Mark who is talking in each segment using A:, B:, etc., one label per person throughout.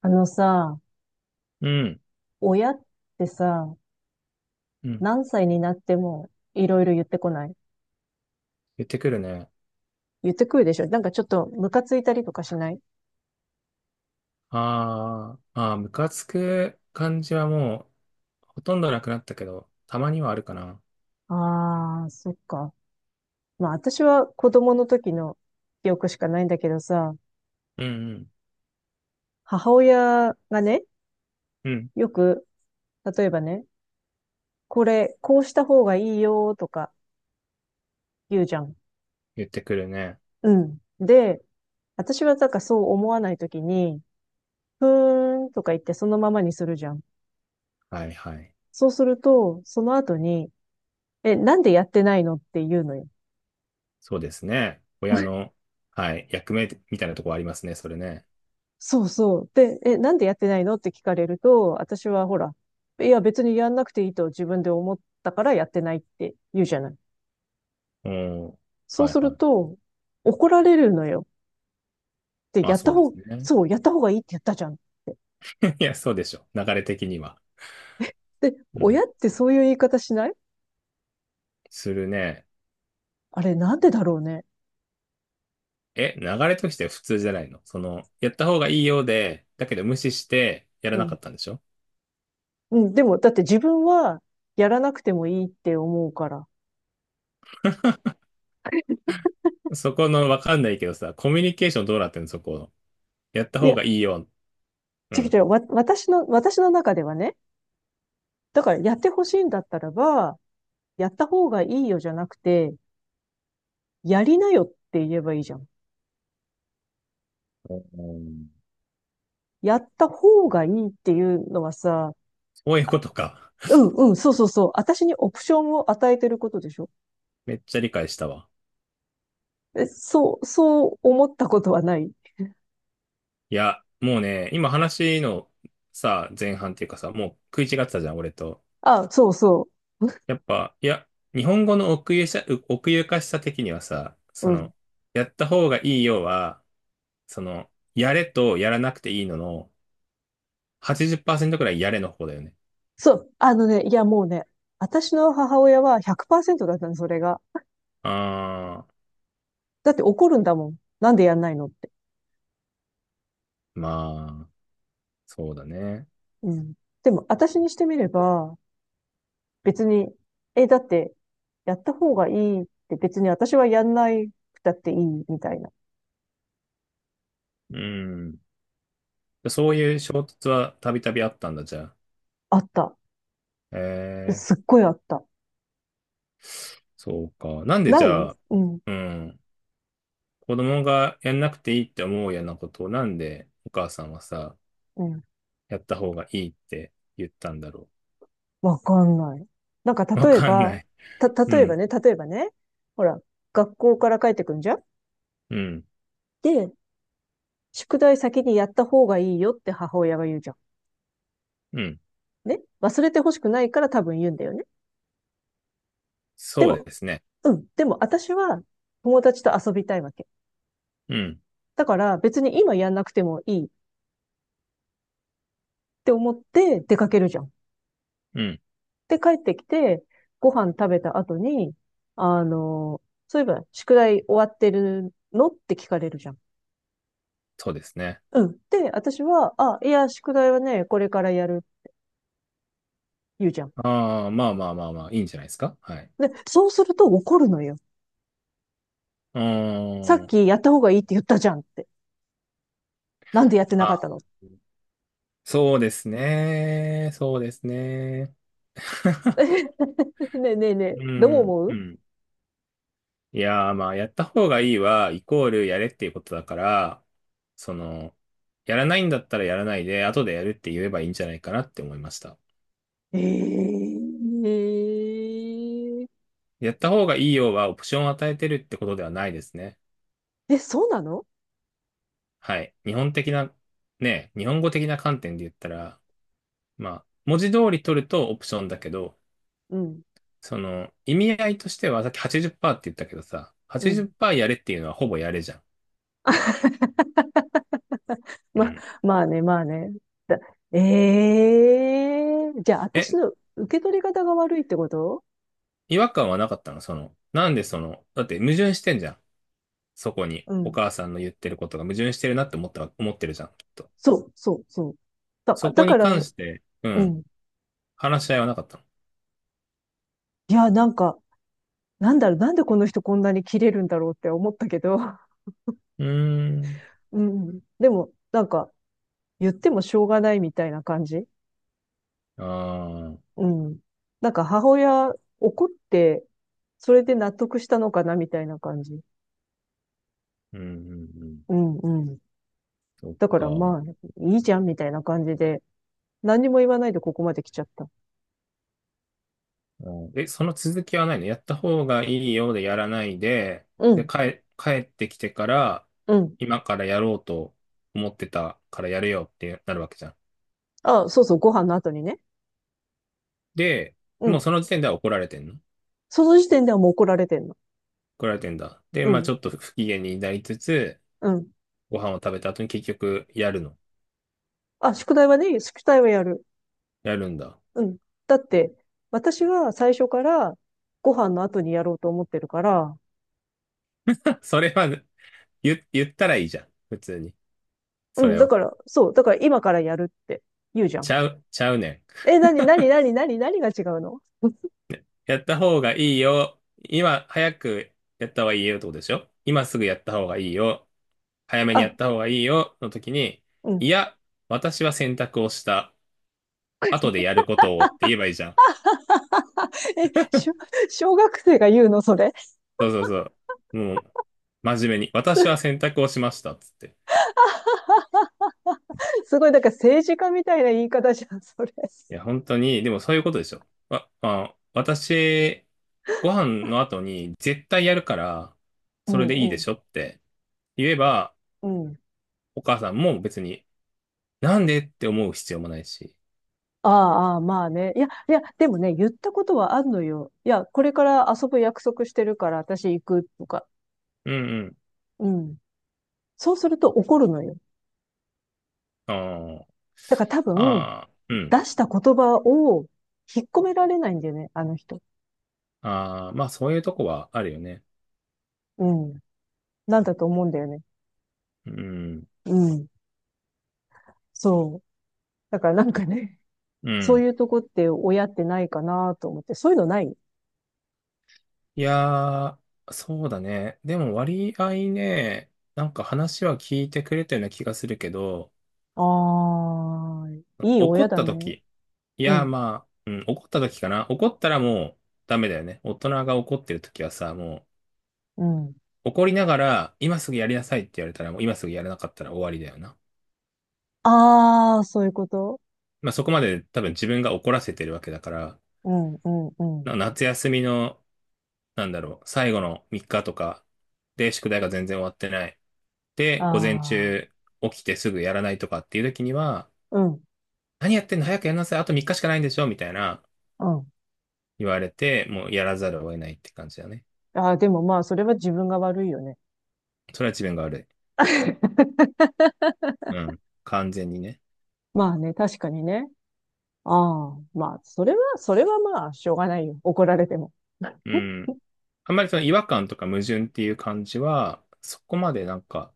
A: あのさ、
B: うん、
A: 親ってさ、
B: うん。
A: 何歳になってもいろいろ言ってこない？
B: 言ってくるね。
A: 言ってくるでしょ？なんかちょっとムカついたりとかしない？
B: あーあー、ムカつく感じはもうほとんどなくなったけど、たまにはあるかな。
A: ああー、そっか。まあ私は子供の時の記憶しかないんだけどさ、
B: うん、うん、
A: 母親がね、
B: うん。
A: よく、例えばね、これ、こうした方がいいよとか言うじゃん。
B: 言ってくるね。
A: うん。で、私はなんかそう思わないときに、ふーんとか言ってそのままにするじゃん。
B: はい、はい。
A: そうすると、その後に、え、なんでやってないのって言うのよ。
B: そうですね。親の、はい、役目みたいなとこありますね、それね。
A: そうそう。で、え、なんでやってないのって聞かれると、私はほら、いや別にやんなくていいと自分で思ったからやってないって言うじゃない。
B: うん、
A: そう
B: はい、
A: する
B: はい。
A: と、怒られるのよ。で、
B: まあ、
A: やった
B: そうです
A: 方、
B: ね。
A: そう、やった方がいいってやったじゃん。
B: いや、そうでしょ。流れ的には。
A: で、
B: う
A: 親
B: ん。
A: ってそういう言い方しない？
B: するね。
A: あれなんでだろうね。
B: え、流れとして普通じゃないの？その、やった方がいいようで、だけど無視してや
A: う
B: らなか
A: ん。
B: ったんでしょ？
A: うん、でも、だって自分はやらなくてもいいって思うから。
B: そこの、わかんないけどさ、コミュニケーションどうなってんの、そこ。やった
A: い
B: 方
A: や、
B: がいいよ。う
A: 違う違
B: ん。
A: う、わ、私の、私の中ではね、だからやってほしいんだったらば、やった方がいいよじゃなくて、やりなよって言えばいいじゃん。
B: うん。
A: やった方がいいっていうのはさ、
B: そういうことか。
A: うんうん、そうそうそう。私にオプションを与えてることでしょ？
B: めっちゃ理解したわ。
A: え、そう、そう思ったことはない？
B: いや、もうね、今話のさ、前半っていうかさ、もう食い違ってたじゃん、俺と。
A: あ、そうそ
B: やっぱ、いや、日本語の奥ゆかしさ的にはさ、
A: う。
B: そ
A: うん。
B: の、やった方がいいよは、その、やれとやらなくていいのの、80%くらいやれの方だよね。
A: そう。あのね、いやもうね、私の母親は100%だったの、それが。
B: あ
A: だって怒るんだもん。なんでやんないのって。
B: ー、まあ、そうだね。
A: うん。でも、私にしてみれば、別に、え、だって、やった方がいいって別に私はやんないくたっていいみたいな。
B: うん。そういう衝突はたびたびあったんだ、じゃあ。
A: あった。
B: えー、
A: すっごいあった。
B: そうか。なんでじ
A: ない。
B: ゃあ、
A: うん、
B: うん、子供がやんなくていいって思うようなことを、なんでお母さんはさ、
A: うん。
B: やった方がいいって言ったんだろ
A: わかんない。なんか
B: う。わ
A: 例え
B: かん
A: ば、
B: ない。
A: た、
B: う
A: 例えば
B: ん、
A: ね、例えばね、ほら、学校から帰ってくんじゃん。
B: うん、
A: で、宿題先にやった方がいいよって母親が言うじゃ
B: うん。
A: ん。ね。忘れてほしくないから多分言うんだよね。で
B: そう
A: も、
B: ですね。
A: うん。でも私は友達と遊びたいわけ。
B: うん、
A: だから別に今やんなくてもいいって思って出かけるじゃん。
B: うん、
A: で、帰ってきて、ご飯食べた後に、あの、そういえば、宿題終わってるのって聞かれるじゃん。
B: そうですね。
A: うん。で、私は、あ、いや、宿題はね、これからやる、言うじゃん。
B: ああ、まあまあまあまあ、いいんじゃないですか。はい。
A: で、そうすると怒るのよ。
B: うー
A: さっ
B: ん。
A: きやった方がいいって言ったじゃんって。なんでやってなかった
B: あ、
A: の？
B: そうですね。そうですね。
A: ねえねえねえ、
B: う
A: どう
B: ん、
A: 思
B: う
A: う？
B: ん。いやー、まあ、やった方がいいは、イコールやれっていうことだから、その、やらないんだったらやらないで、後でやるって言えばいいんじゃないかなって思いました。
A: えええ
B: やった方がいいようは、オプションを与えてるってことではないですね。
A: ええ、そうなの？
B: はい。日本的な、ね、日本語的な観点で言ったら、まあ、文字通り取るとオプションだけど、
A: うん、
B: その、意味合いとしては、さっき80%っパーセントって言ったけどさ、
A: うん。
B: 80%やれっていうのはほぼやれじゃん。う
A: ま、
B: ん。
A: まあね、まあね。だ、ええ、じゃあ私
B: え、
A: の受け取り方が悪いってこと？
B: 違和感はなかったの？その、なんでその、だって矛盾してんじゃん。そこに
A: う
B: お
A: ん。
B: 母さんの言ってることが矛盾してるなって思ってるじゃん、きっと。
A: そう、そう、そう。だ、
B: そ
A: だ
B: こ
A: か
B: に
A: ら、
B: 関
A: う
B: して、うん、
A: ん。
B: 話し合いはなかったの？
A: いや、なんか、なんだろう、なんでこの人こんなに切れるんだろうって思ったけど、
B: うーん。
A: うん。でも、なんか、言ってもしょうがないみたいな感じ。
B: ああ、
A: うん。なんか母親怒って、それで納得したのかなみたいな感じ。
B: うん、うん、うん。
A: うん、うん。
B: そっ
A: だか
B: か。
A: らまあ、
B: あ
A: いいじゃんみたいな感じで何にも言わないでここまで来ちゃった。
B: ー、え、その続きはないの？やった方がいいようでやらないで、
A: う
B: で、
A: ん。
B: 帰ってきてから、
A: うん。
B: 今からやろうと思ってたからやるよってなるわけじゃん。
A: あ、そうそう、ご飯の後にね。
B: で、
A: う
B: もう
A: ん。
B: その時点では怒られてんの？
A: その時点ではもう怒られてんの。
B: 怒られてんだ。で、
A: う
B: まあ
A: ん。
B: ちょっと不機嫌になりつつ、
A: うん。
B: ご飯を食べた後に結局やるの。
A: あ、宿題はね、宿題はやる。
B: やるんだ。
A: うん。だって、私は最初からご飯の後にやろうと思ってるから、
B: それは、言ったらいいじゃん。普通に。
A: う
B: そ
A: ん。
B: れ
A: だ
B: を。
A: から、そう。だから今からやるって言うじゃん。
B: ちゃうねん。
A: え、なになになになに何が違うの？
B: やった方がいいよ。今、早くやった方がいいよってことでしょ？今すぐやった方がいいよ。早めにや
A: あ、
B: った方がいいよ。の時に、
A: うん。
B: いや、私は選択をした。後で やることを、って言えばいいじゃん。
A: え、小学生が言うのそれ？
B: そうそうそう。もう、真面目に。
A: す、
B: 私は選択をしました、つって。
A: ごい、だから政治家みたいな言い方じゃん、それ。
B: いや、本当に、でもそういうことでしょ。わまあ、私、ご飯の後に絶対やるから、
A: う
B: それ
A: ん。
B: でいい
A: う
B: で
A: ん。
B: しょって言えば、
A: うん。
B: お母さんも別に、なんでって思う必要もないし。
A: ああ、まあね。いや、いや、でもね、言ったことはあんのよ。いや、これから遊ぶ約束してるから私行くとか。
B: うんうん。
A: うん。そうすると怒るのよ。
B: あー
A: だから多分、
B: あ、あうん。
A: 出した言葉を引っ込められないんだよね、あの人。
B: ああ、まあそういうとこはあるよね。
A: うん。なんだと思うんだよね。
B: うん。
A: うん。そう。だからなんかね、
B: う
A: そう
B: ん。
A: いうとこって親ってないかなと思って。そういうのない？
B: いやー、そうだね。でも割合ね、なんか話は聞いてくれたような気がするけど、
A: ああー、いい
B: 怒
A: 親
B: っ
A: だ
B: た
A: ね。
B: 時。い
A: う
B: や、
A: ん。
B: まあ、うん、怒った時かな。怒ったらもうダメだよね。大人が怒ってる時はさ、もう
A: うん。
B: 怒りながら、今すぐやりなさいって言われたら、もう今すぐやらなかったら終わりだよな。
A: ああ、そういうこと。
B: まあそこまで多分自分が怒らせてるわけだから、
A: うん、うん、うん。
B: な夏休みの、なんだろう、最後の3日とかで宿題が全然終わってない。で、午前
A: ああ。
B: 中起きてすぐやらないとかっていう時には、
A: うん、
B: 何やってんの、早くやんなさい。あと3日しかないんでしょみたいな
A: うん。
B: 言われて、もうやらざるを得ないって感じだね。
A: ああ、でもまあ、それは自分が悪いよね。
B: それは自分が悪 い。うん。完全にね。
A: まあね、確かにね。ああ、まあ、それは、それはまあ、しょうがないよ。怒られても。
B: うん。あんまりその違和感とか矛盾っていう感じは、そこまでなんか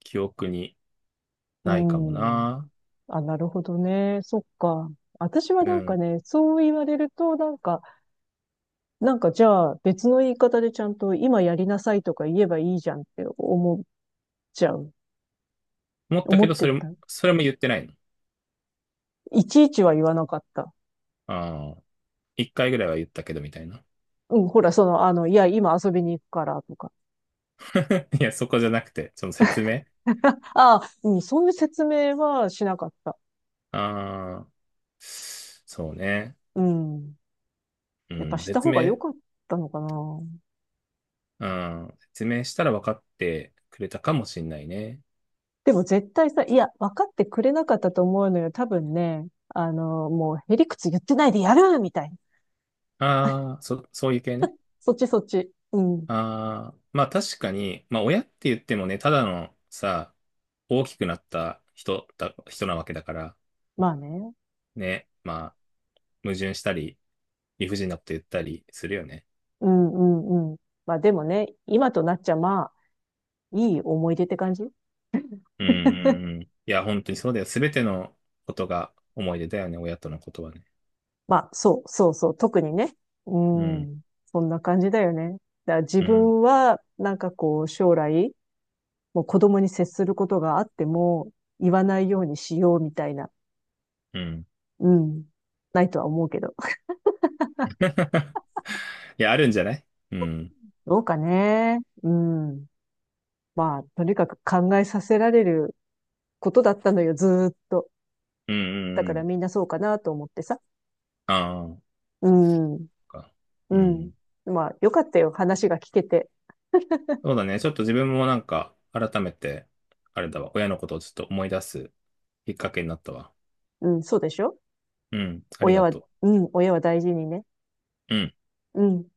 B: 記憶に
A: う
B: ないかも
A: ん。
B: な。
A: あ、なるほどね。そっか。私は
B: う
A: なんか
B: ん。
A: ね、そう言われると、なんか、なんかじゃあ別の言い方でちゃんと今やりなさいとか言えばいいじゃんって思っちゃう。
B: 思った
A: 思
B: け
A: っ
B: ど、
A: て
B: それも、
A: た。
B: それも言ってないの。
A: いちいちは言わなかった。
B: ああ。一回ぐらいは言ったけどみたいな。
A: うん、ほら、いや、今遊びに行くからとか。
B: いや、そこじゃなくて、その説明。
A: ああ、うん、そういう説明はしなかった。
B: ああ。そうね。
A: うん。
B: う
A: やっぱ
B: ん。
A: した
B: 説
A: 方が良
B: 明、
A: かったのかな。
B: うん。説明したら分かってくれたかもしんないね。
A: でも絶対さ、いや、分かってくれなかったと思うのよ。多分ね、もう、へりくつ言ってないでやるみたいな。
B: ああ、そういう系ね。
A: そっちそっち。うん。
B: ああ、まあ確かに、まあ親って言ってもね、ただのさ、大きくなった人なわけだから、
A: まあね。
B: ね、まあ矛盾したり、理不尽なこと言ったりするよね。
A: うんうんうん。まあでもね、今となっちゃまあ、いい思い出って感じ。
B: うんうんうん。いや、本当にそうだよ。すべてのことが思い出だよね、親とのことはね。
A: まあ、そう、そうそう、特にね。う
B: うん、
A: ん。そんな感じだよね。だから自
B: うん、
A: 分は、なんかこう、将来、もう子供に接することがあっても、言わないようにしようみたいな。
B: うん。
A: うん。ないとは思うけど。
B: いや、あるんじゃない？うん、
A: どうかね。うん。まあ、とにかく考えさせられることだったのよ、ずーっと。
B: うん、う
A: だ
B: ん
A: か
B: う
A: ら
B: ん。
A: みんなそうかなと思ってさ。
B: あ
A: うん。
B: あ、か。
A: う
B: う
A: ん。
B: ん。
A: まあ、よかったよ、話が聞けて。
B: そうだね。ちょっと自分もなんか、改めて、あれだわ、親のことをちょっと思い出すきっかけになったわ。
A: うん、そうでしょ？
B: うん。あり
A: 親
B: が
A: は、
B: と
A: うん、親は大事にね。
B: う。うん。
A: うん。